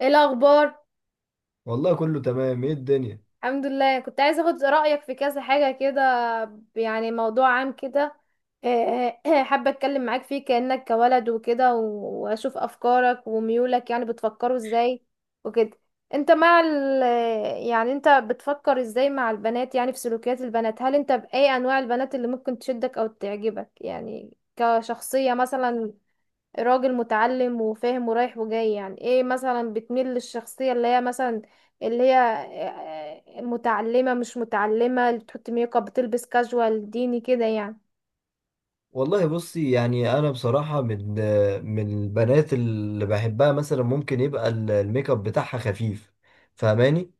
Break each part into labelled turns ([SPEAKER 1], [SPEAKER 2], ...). [SPEAKER 1] ايه الاخبار؟
[SPEAKER 2] والله كله تمام، ايه الدنيا؟
[SPEAKER 1] الحمد لله، كنت عايزه اخد رايك في كذا حاجه كده. يعني موضوع عام كده. إيه إيه، حابه اتكلم معاك فيه كانك كولد وكده واشوف افكارك وميولك، يعني بتفكروا ازاي وكده. انت مع ال يعني انت بتفكر ازاي مع البنات؟ يعني في سلوكيات البنات، هل انت باي انواع البنات اللي ممكن تشدك او تعجبك، يعني كشخصيه مثلا؟ راجل متعلم وفاهم ورايح وجاي، يعني ايه مثلا؟ بتميل للشخصية اللي هي مثلا اللي هي متعلمة، مش متعلمة، اللي بتحط ميك اب، بتلبس كاجوال ديني كده يعني؟
[SPEAKER 2] والله بصي، يعني انا بصراحة من البنات اللي بحبها، مثلا ممكن يبقى الميك اب بتاعها خفيف. فاهماني؟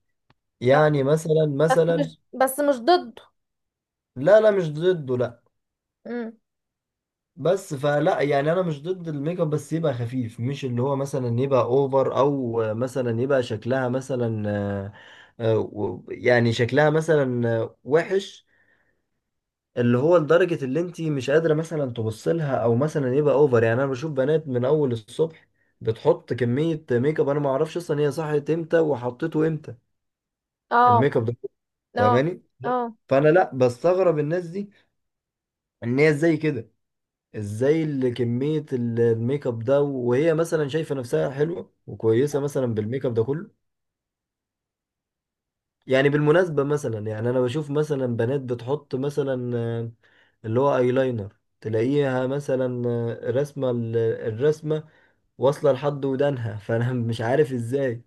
[SPEAKER 2] يعني مثلا مثلا
[SPEAKER 1] بس مش ضده.
[SPEAKER 2] لا لا مش ضده، لا.
[SPEAKER 1] امم
[SPEAKER 2] بس فلا، يعني انا مش ضد الميك اب، بس يبقى خفيف، مش اللي هو مثلا يبقى اوفر، او مثلا يبقى شكلها مثلا يعني شكلها مثلا وحش، اللي هو لدرجة اللي انت مش قادرة مثلا تبص لها، او مثلا يبقى اوفر. يعني انا بشوف بنات من اول الصبح بتحط كمية ميك اب، انا ما اعرفش اصلا هي صحيت امتى وحطيته امتى
[SPEAKER 1] اه.
[SPEAKER 2] الميك اب ده.
[SPEAKER 1] اه.
[SPEAKER 2] فاهماني؟
[SPEAKER 1] اه.
[SPEAKER 2] فانا لا بستغرب الناس دي، ان هي ازاي كده، ازاي اللي كمية الميك اب ده وهي مثلا شايفة نفسها حلوة وكويسة مثلا بالميك اب ده كله. يعني بالمناسبة مثلا، يعني أنا بشوف مثلا بنات بتحط مثلا اللي هو ايلاينر. تلاقيها مثلا رسمة الرسمة واصلة لحد ودانها، فأنا مش عارف ازاي.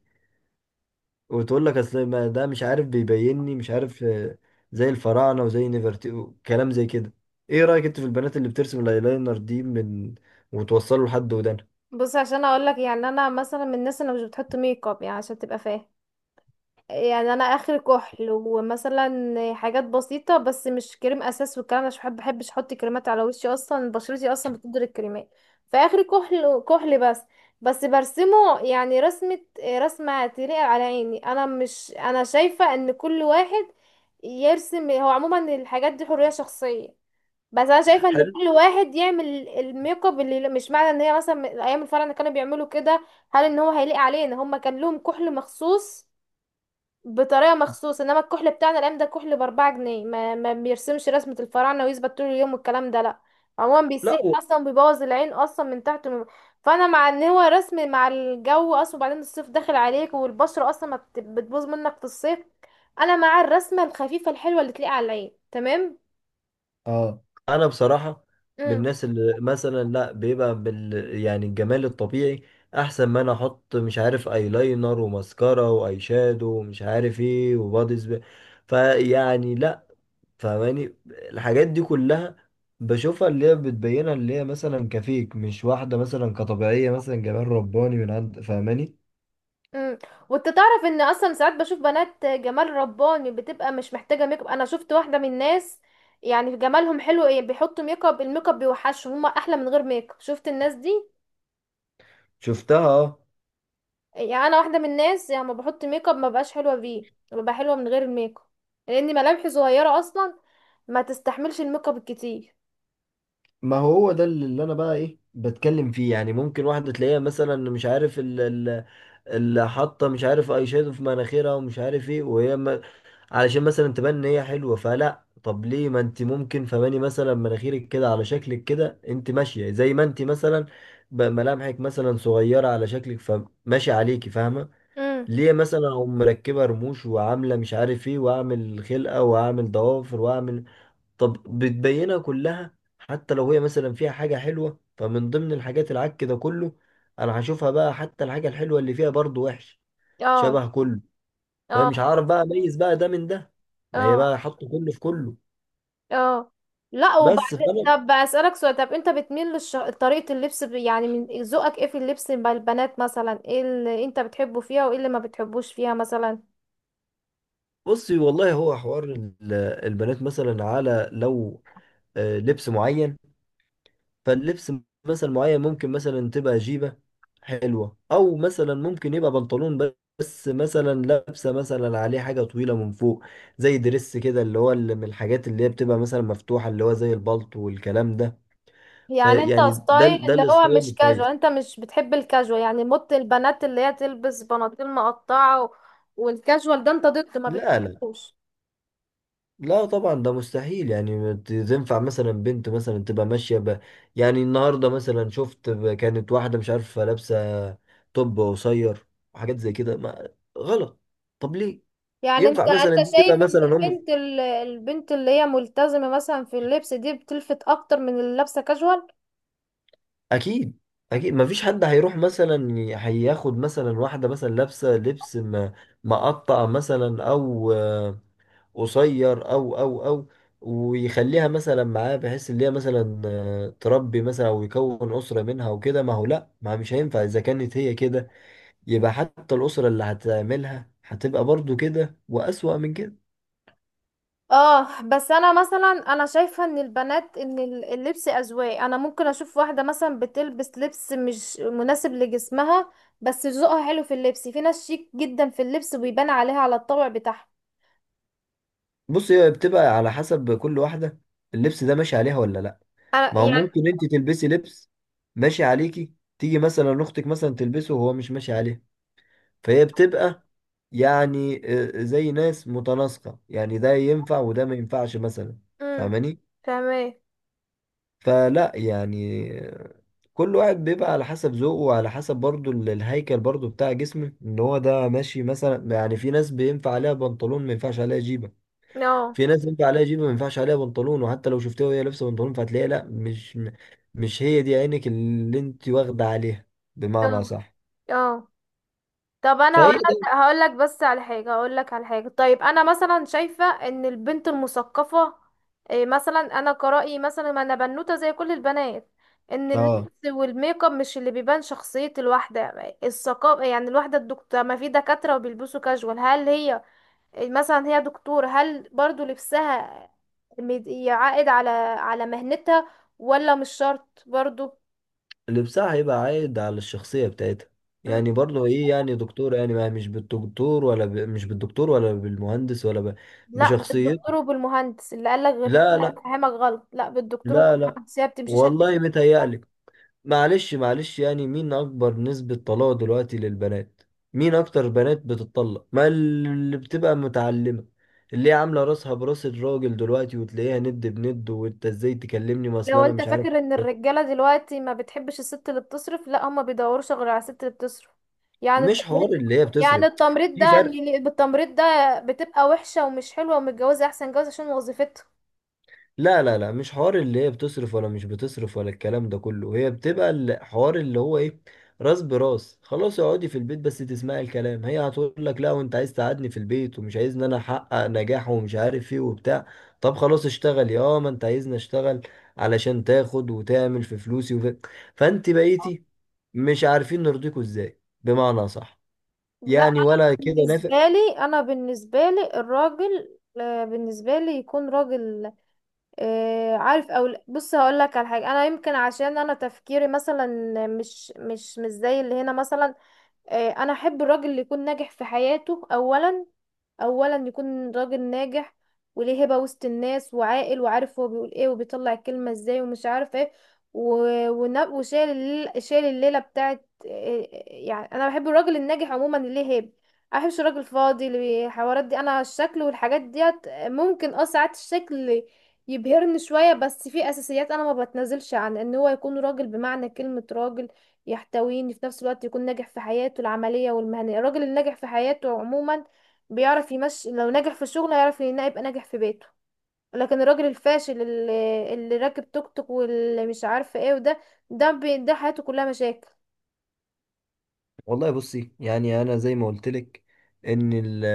[SPEAKER 2] وتقول لك أصل ما ده مش عارف بيبيني مش عارف زي الفراعنة وزي نفرتي، كلام زي كده. ايه رأيك انت في البنات اللي بترسم الايلاينر دي من وتوصله لحد ودانها؟
[SPEAKER 1] بص، عشان اقول لك، يعني انا مثلا من الناس اللي مش بتحط ميك اب، يعني عشان تبقى فاهم. يعني انا اخر كحل، ومثلا حاجات بسيطه، بس مش كريم اساس والكلام ده، عشان بحب بحبش احط كريمات على وشي، اصلا بشرتي اصلا بتقدر الكريمات. فاخر كحل بس. بس برسمه، يعني رسمه تليق على عيني. انا مش، انا شايفه ان كل واحد يرسم هو، عموما الحاجات دي حريه شخصيه. بس انا شايفه ان
[SPEAKER 2] حلو.
[SPEAKER 1] كل واحد يعمل الميك اب اللي، مش معنى ان هي مثلا ايام الفرح اللي كانوا بيعملوا كده، هل ان هو هيليق علينا؟ هما كان لهم كحل مخصوص بطريقه مخصوص، انما الكحل بتاعنا الايام ده كحل باربعة جنيه ما بيرسمش رسمه الفراعنه ويثبت طول اليوم والكلام ده، لا. عموما
[SPEAKER 2] لا،
[SPEAKER 1] بيسيح، اصلا بيبوظ العين اصلا من تحت فانا مع ان هو رسم مع الجو اصلا، وبعدين الصيف داخل عليك والبشره اصلا ما بت- بتبوظ منك في الصيف. انا مع الرسمه الخفيفه الحلوه اللي تليق على العين، تمام.
[SPEAKER 2] اه، انا بصراحه من الناس اللي مثلا، لا، بيبقى بال، يعني الجمال الطبيعي احسن ما انا احط مش عارف ايلاينر وماسكارا واي شادو ومش عارف ايه وبادي سبراي. فيعني لا، فماني الحاجات دي كلها بشوفها اللي هي بتبينها، اللي هي مثلا كفيك مش واحده مثلا كطبيعيه، مثلا جمال رباني من عند. فاهماني؟
[SPEAKER 1] امم وانت تعرف ان اصلا ساعات بشوف بنات جمال رباني بتبقى مش محتاجه ميك اب؟ انا شفت واحده من الناس، يعني جمالهم حلو، ايه بيحطوا ميك اب؟ الميك اب بيوحشهم، هما احلى من غير ميك اب. شفت الناس دي؟
[SPEAKER 2] شفتها، اه.
[SPEAKER 1] يعني انا واحده من الناس، يعني ما بحط ميك اب، ما بقاش حلوه بيه، ببقى حلوه من غير الميك اب، لان ملامحي صغيره اصلا، ما تستحملش الميك اب الكتير.
[SPEAKER 2] ما هو هو ده اللي انا بقى ايه بتكلم فيه، يعني ممكن واحده تلاقيها مثلا مش عارف، اللي حاطه مش عارف اي شادو في مناخيرها، ومش عارف ايه، وهي ما... علشان مثلا تبان ان هي حلوه. فلا، طب ليه؟ ما انت ممكن، فماني مثلا مناخيرك كده على شكلك كده، انت ماشيه زي ما انت مثلا، ملامحك مثلا صغيره على شكلك، فماشي عليكي. فاهمه؟
[SPEAKER 1] امم
[SPEAKER 2] ليه مثلا اقوم مركبه رموش وعامله مش عارف ايه واعمل خلقه واعمل ضوافر واعمل؟ طب بتبينها كلها، حتى لو هي مثلا فيها حاجه حلوه، فمن ضمن الحاجات العك ده كله انا هشوفها بقى. حتى الحاجه الحلوه اللي فيها برضو وحش
[SPEAKER 1] اه.
[SPEAKER 2] شبه كله. فمش
[SPEAKER 1] اه.
[SPEAKER 2] عارف بقى اميز بقى ده من ده، ما هي
[SPEAKER 1] اه.
[SPEAKER 2] بقى حطوا كله في كله.
[SPEAKER 1] اه. لا،
[SPEAKER 2] بس
[SPEAKER 1] وبعدين
[SPEAKER 2] فانا،
[SPEAKER 1] طب اسالك سؤال، طب انت بتميل طريقه اللبس يعني من ذوقك، ايه في اللبس مع البنات مثلا؟ ايه اللي انت بتحبه فيها وايه اللي ما بتحبوش فيها مثلا؟
[SPEAKER 2] بصي، والله هو حوار البنات مثلا، على لو لبس معين، فاللبس مثلا معين ممكن مثلا تبقى جيبة حلوة، او مثلا ممكن يبقى بنطلون بس مثلا لابسة مثلا عليه حاجة طويلة من فوق، زي دريس كده، اللي هو اللي من الحاجات اللي هي بتبقى مثلا مفتوحة، اللي هو زي البلطو والكلام ده.
[SPEAKER 1] يعني انت
[SPEAKER 2] فيعني ده
[SPEAKER 1] ستايل
[SPEAKER 2] ده
[SPEAKER 1] اللي هو
[SPEAKER 2] الستايل
[SPEAKER 1] مش كاجوال،
[SPEAKER 2] الكويس.
[SPEAKER 1] انت مش بتحب الكاجوال؟ يعني موت البنات اللي هي تلبس بناطيل مقطعه والكاجوال ده انت ضده ما
[SPEAKER 2] لا،
[SPEAKER 1] بتحبوش؟
[SPEAKER 2] لا طبعا ده مستحيل. يعني ما تنفع مثلا بنت مثلا تبقى ماشية يعني النهاردة مثلا شفت كانت واحدة مش عارفة لابسة توب قصير وحاجات زي كده ما... غلط. طب ليه؟
[SPEAKER 1] يعني انت
[SPEAKER 2] ينفع
[SPEAKER 1] انت
[SPEAKER 2] مثلا دي تبقى
[SPEAKER 1] شايف ان
[SPEAKER 2] مثلا،
[SPEAKER 1] البنت اللي هي ملتزمه مثلا في اللبس دي بتلفت اكتر من اللي لابسه كاجوال؟
[SPEAKER 2] أكيد. أكيد ما فيش حد هيروح مثلا هياخد مثلا واحدة مثلا لابسة لبس مقطع مثلا، أو قصير، او ويخليها مثلا معاه بحيث ان هي مثلا تربي مثلا، او يكون اسره منها وكده. ما هو لا، ما مش هينفع اذا كانت هي كده، يبقى حتى الاسره اللي هتعملها هتبقى برضو كده، واسوأ من كده.
[SPEAKER 1] اه، بس انا مثلا، شايفه ان البنات، ان اللبس اذواق، انا ممكن اشوف واحده مثلا بتلبس لبس مش مناسب لجسمها، بس ذوقها حلو في اللبس. في ناس شيك جدا في اللبس وبيبان عليها على الطبع بتاعها.
[SPEAKER 2] بص، هي بتبقى على حسب كل واحده، اللبس ده ماشي عليها ولا لا.
[SPEAKER 1] انا
[SPEAKER 2] ما هو
[SPEAKER 1] يعني
[SPEAKER 2] ممكن انت تلبسي لبس ماشي عليكي، تيجي مثلا اختك مثلا تلبسه وهو مش ماشي عليه. فهي بتبقى يعني زي ناس متناسقة. يعني ده ينفع وده ما ينفعش مثلا.
[SPEAKER 1] امم
[SPEAKER 2] فاهماني؟
[SPEAKER 1] تمام.
[SPEAKER 2] فلا يعني كل واحد بيبقى على حسب ذوقه، وعلى حسب برضو الهيكل برضو بتاع جسمه، ان هو ده ماشي مثلا. يعني في ناس بينفع عليها بنطلون ما ينفعش عليها جيبة،
[SPEAKER 1] اه.
[SPEAKER 2] في ناس ينفع عليها جيبة ما ينفعش عليها بنطلون. وحتى لو شفتها وهي لابسة بنطلون، فهتلاقيها لا، مش هي دي عينك اللي انت واخدة عليها، بمعنى
[SPEAKER 1] اه.
[SPEAKER 2] صح.
[SPEAKER 1] اه. طب انا هقول
[SPEAKER 2] فهي ده،
[SPEAKER 1] لك، هقول لك على حاجه، هقول لك على حاجه. طيب انا مثلا شايفه ان البنت المثقفه، إيه مثلا، انا كرأيي مثلا، ما انا بنوته زي كل البنات، ان
[SPEAKER 2] اه،
[SPEAKER 1] اللبس والميك اب مش اللي بيبان شخصيه الواحده. الثقافه، يعني الواحده الدكتوره، ما في دكاتره وبيلبسوا كاجوال، هل هي إيه مثلا هي دكتوره، هل برضو لبسها يعائد على على مهنتها؟ ولا مش شرط برضو؟
[SPEAKER 2] لبسها هيبقى عايد على الشخصية بتاعتها. يعني برضه، ايه يعني دكتور؟ يعني ما مش بالدكتور ولا مش بالدكتور ولا بالمهندس
[SPEAKER 1] لا، بالدكتور
[SPEAKER 2] بشخصيته.
[SPEAKER 1] وبالمهندس، اللي قالك غير
[SPEAKER 2] لا
[SPEAKER 1] كده
[SPEAKER 2] لا،
[SPEAKER 1] هفهمك غلط، لا بالدكتور
[SPEAKER 2] لا لا.
[SPEAKER 1] وبالمهندس،
[SPEAKER 2] والله متهيألك. معلش معلش، يعني مين أكبر نسبة طلاق دلوقتي للبنات؟ مين أكتر بنات بتطلق؟ ما اللي بتبقى متعلمة، اللي هي عاملة راسها براس الراجل دلوقتي، وتلاقيها ند بند. وانت ازاي تكلمني؟ ما اصل
[SPEAKER 1] لو
[SPEAKER 2] انا
[SPEAKER 1] انت
[SPEAKER 2] مش عارف.
[SPEAKER 1] فاكر ان الرجاله دلوقتي ما بتحبش الست اللي بتصرف، لا هما بيدوروش غير على الست اللي بتصرف. يعني
[SPEAKER 2] مش حوار
[SPEAKER 1] التمريض،
[SPEAKER 2] اللي هي
[SPEAKER 1] يعني
[SPEAKER 2] بتصرف،
[SPEAKER 1] التمريض
[SPEAKER 2] في فرق.
[SPEAKER 1] بالتمريض ده بتبقى وحشه ومش حلوه ومتجوزه احسن جواز عشان وظيفتها.
[SPEAKER 2] لا لا لا، مش حوار اللي هي بتصرف ولا مش بتصرف ولا الكلام ده كله. هي بتبقى الحوار اللي هو ايه، راس براس. خلاص اقعدي في البيت بس تسمعي الكلام، هي هتقول لك لا، وانت عايز تقعدني في البيت ومش عايزني انا احقق نجاح ومش عارف ايه وبتاع. طب خلاص اشتغلي. اه، ما انت عايزني اشتغل علشان تاخد وتعمل في فلوسي فانت بقيتي مش عارفين نرضيكوا ازاي، بمعنى صح.
[SPEAKER 1] لا،
[SPEAKER 2] يعني ولا كده نافع؟
[SPEAKER 1] بالنسبه لي الراجل، بالنسبه لي يكون راجل، عارف او لا. بص، هقول لك على حاجه. انا يمكن عشان انا تفكيري مثلا مش زي اللي هنا مثلا. انا احب الراجل اللي يكون ناجح في حياته اولا، اولا يكون راجل ناجح وليه هبة وسط الناس، وعاقل وعارف هو بيقول ايه وبيطلع الكلمة ازاي ومش عارف ايه و... شايل الليلة بتاعت يعني انا بحب الراجل الناجح عموما اللي ليه هيبة. ما بحبش الراجل الفاضي، اللي حوارات دي، انا الشكل والحاجات ديت ممكن، اه، ساعات الشكل يبهرني شوية، بس في اساسيات انا ما بتنازلش عن ان هو يكون راجل بمعنى كلمة راجل، يحتويني في نفس الوقت، يكون ناجح في حياته العملية والمهنية. الراجل الناجح في حياته عموما بيعرف يمشي، لو نجح في شغله يعرف ان يبقى ناجح في بيته، لكن الراجل الفاشل اللي راكب توك توك واللي مش عارفه ايه وده، ده حياته كلها مشاكل.
[SPEAKER 2] والله بصي يعني انا زي ما قلت لك، ان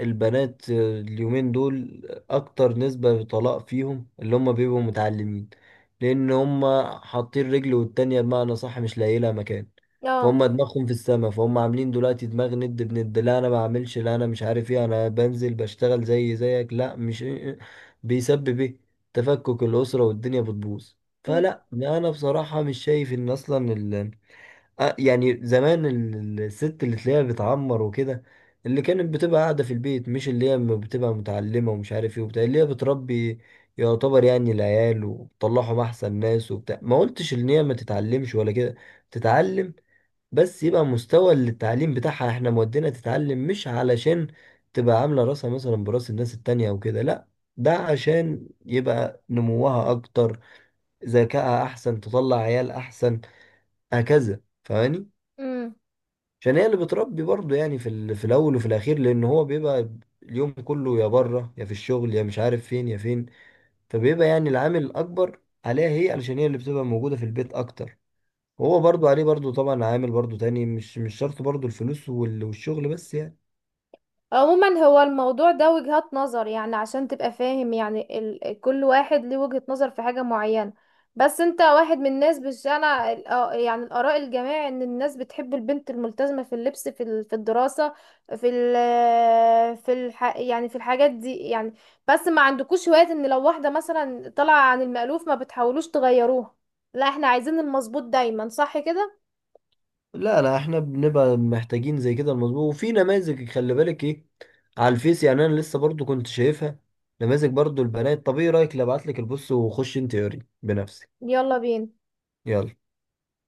[SPEAKER 2] البنات اليومين دول اكتر نسبة طلاق فيهم اللي هم بيبقوا متعلمين. لان هم حاطين رجل والتانية بمعنى صح مش لاقي لها مكان.
[SPEAKER 1] اه.
[SPEAKER 2] فهم دماغهم في السما، فهم عاملين دلوقتي دماغ ند بند. لا انا بعملش، لا انا مش عارف ايه، انا بنزل بشتغل زي زيك. لا مش، بيسبب ايه؟ تفكك الاسرة والدنيا بتبوظ.
[SPEAKER 1] أم،
[SPEAKER 2] فلا انا بصراحة مش شايف ان اصلا يعني زمان الست اللي تلاقيها بتعمر وكده، اللي كانت بتبقى قاعدة في البيت، مش اللي هي بتبقى متعلمة ومش عارف ايه وبتاع. اللي هي بتربي يعتبر يعني العيال وبتطلعهم أحسن ناس وبتاع. ما قلتش إن هي ما تتعلمش ولا كده، تتعلم. بس يبقى مستوى التعليم بتاعها، احنا مودينا تتعلم مش علشان تبقى عاملة راسها مثلا براس الناس التانية أو كده، لأ. ده عشان يبقى نموها أكتر، ذكائها أحسن، تطلع عيال أحسن. هكذا، فاهماني؟
[SPEAKER 1] أم.
[SPEAKER 2] عشان هي اللي بتربي برضه، يعني في في الاول وفي الاخير، لان هو بيبقى اليوم كله يا بره، يا في الشغل، يا مش عارف فين يا فين. فبيبقى يعني العامل الاكبر عليها هي، علشان هي اللي بتبقى موجوده في البيت اكتر. هو برضه عليه برضه طبعا عامل برضه تاني، مش شرط برضه الفلوس والشغل بس، يعني.
[SPEAKER 1] عموما هو الموضوع ده وجهات نظر، يعني عشان تبقى فاهم، يعني كل واحد ليه وجهة نظر في حاجة معينة. بس انت واحد من الناس، آه يعني الآراء الجماعي ان الناس بتحب البنت الملتزمة في اللبس، في في الدراسة، في في يعني في الحاجات دي يعني. بس ما عندكوش هواية ان لو واحدة مثلا طالعة عن المألوف ما بتحاولوش تغيروها؟ لا، احنا عايزين المظبوط دايما، صح كده؟
[SPEAKER 2] لا لا، احنا بنبقى محتاجين زي كده المظبوط. وفي نماذج، خلي بالك ايه على الفيس، يعني انا لسه برضه كنت شايفها نماذج برضه البنات. طب ايه رايك لو ابعت لك، البص وخش انت قري بنفسك.
[SPEAKER 1] يلا بينا.
[SPEAKER 2] يلا.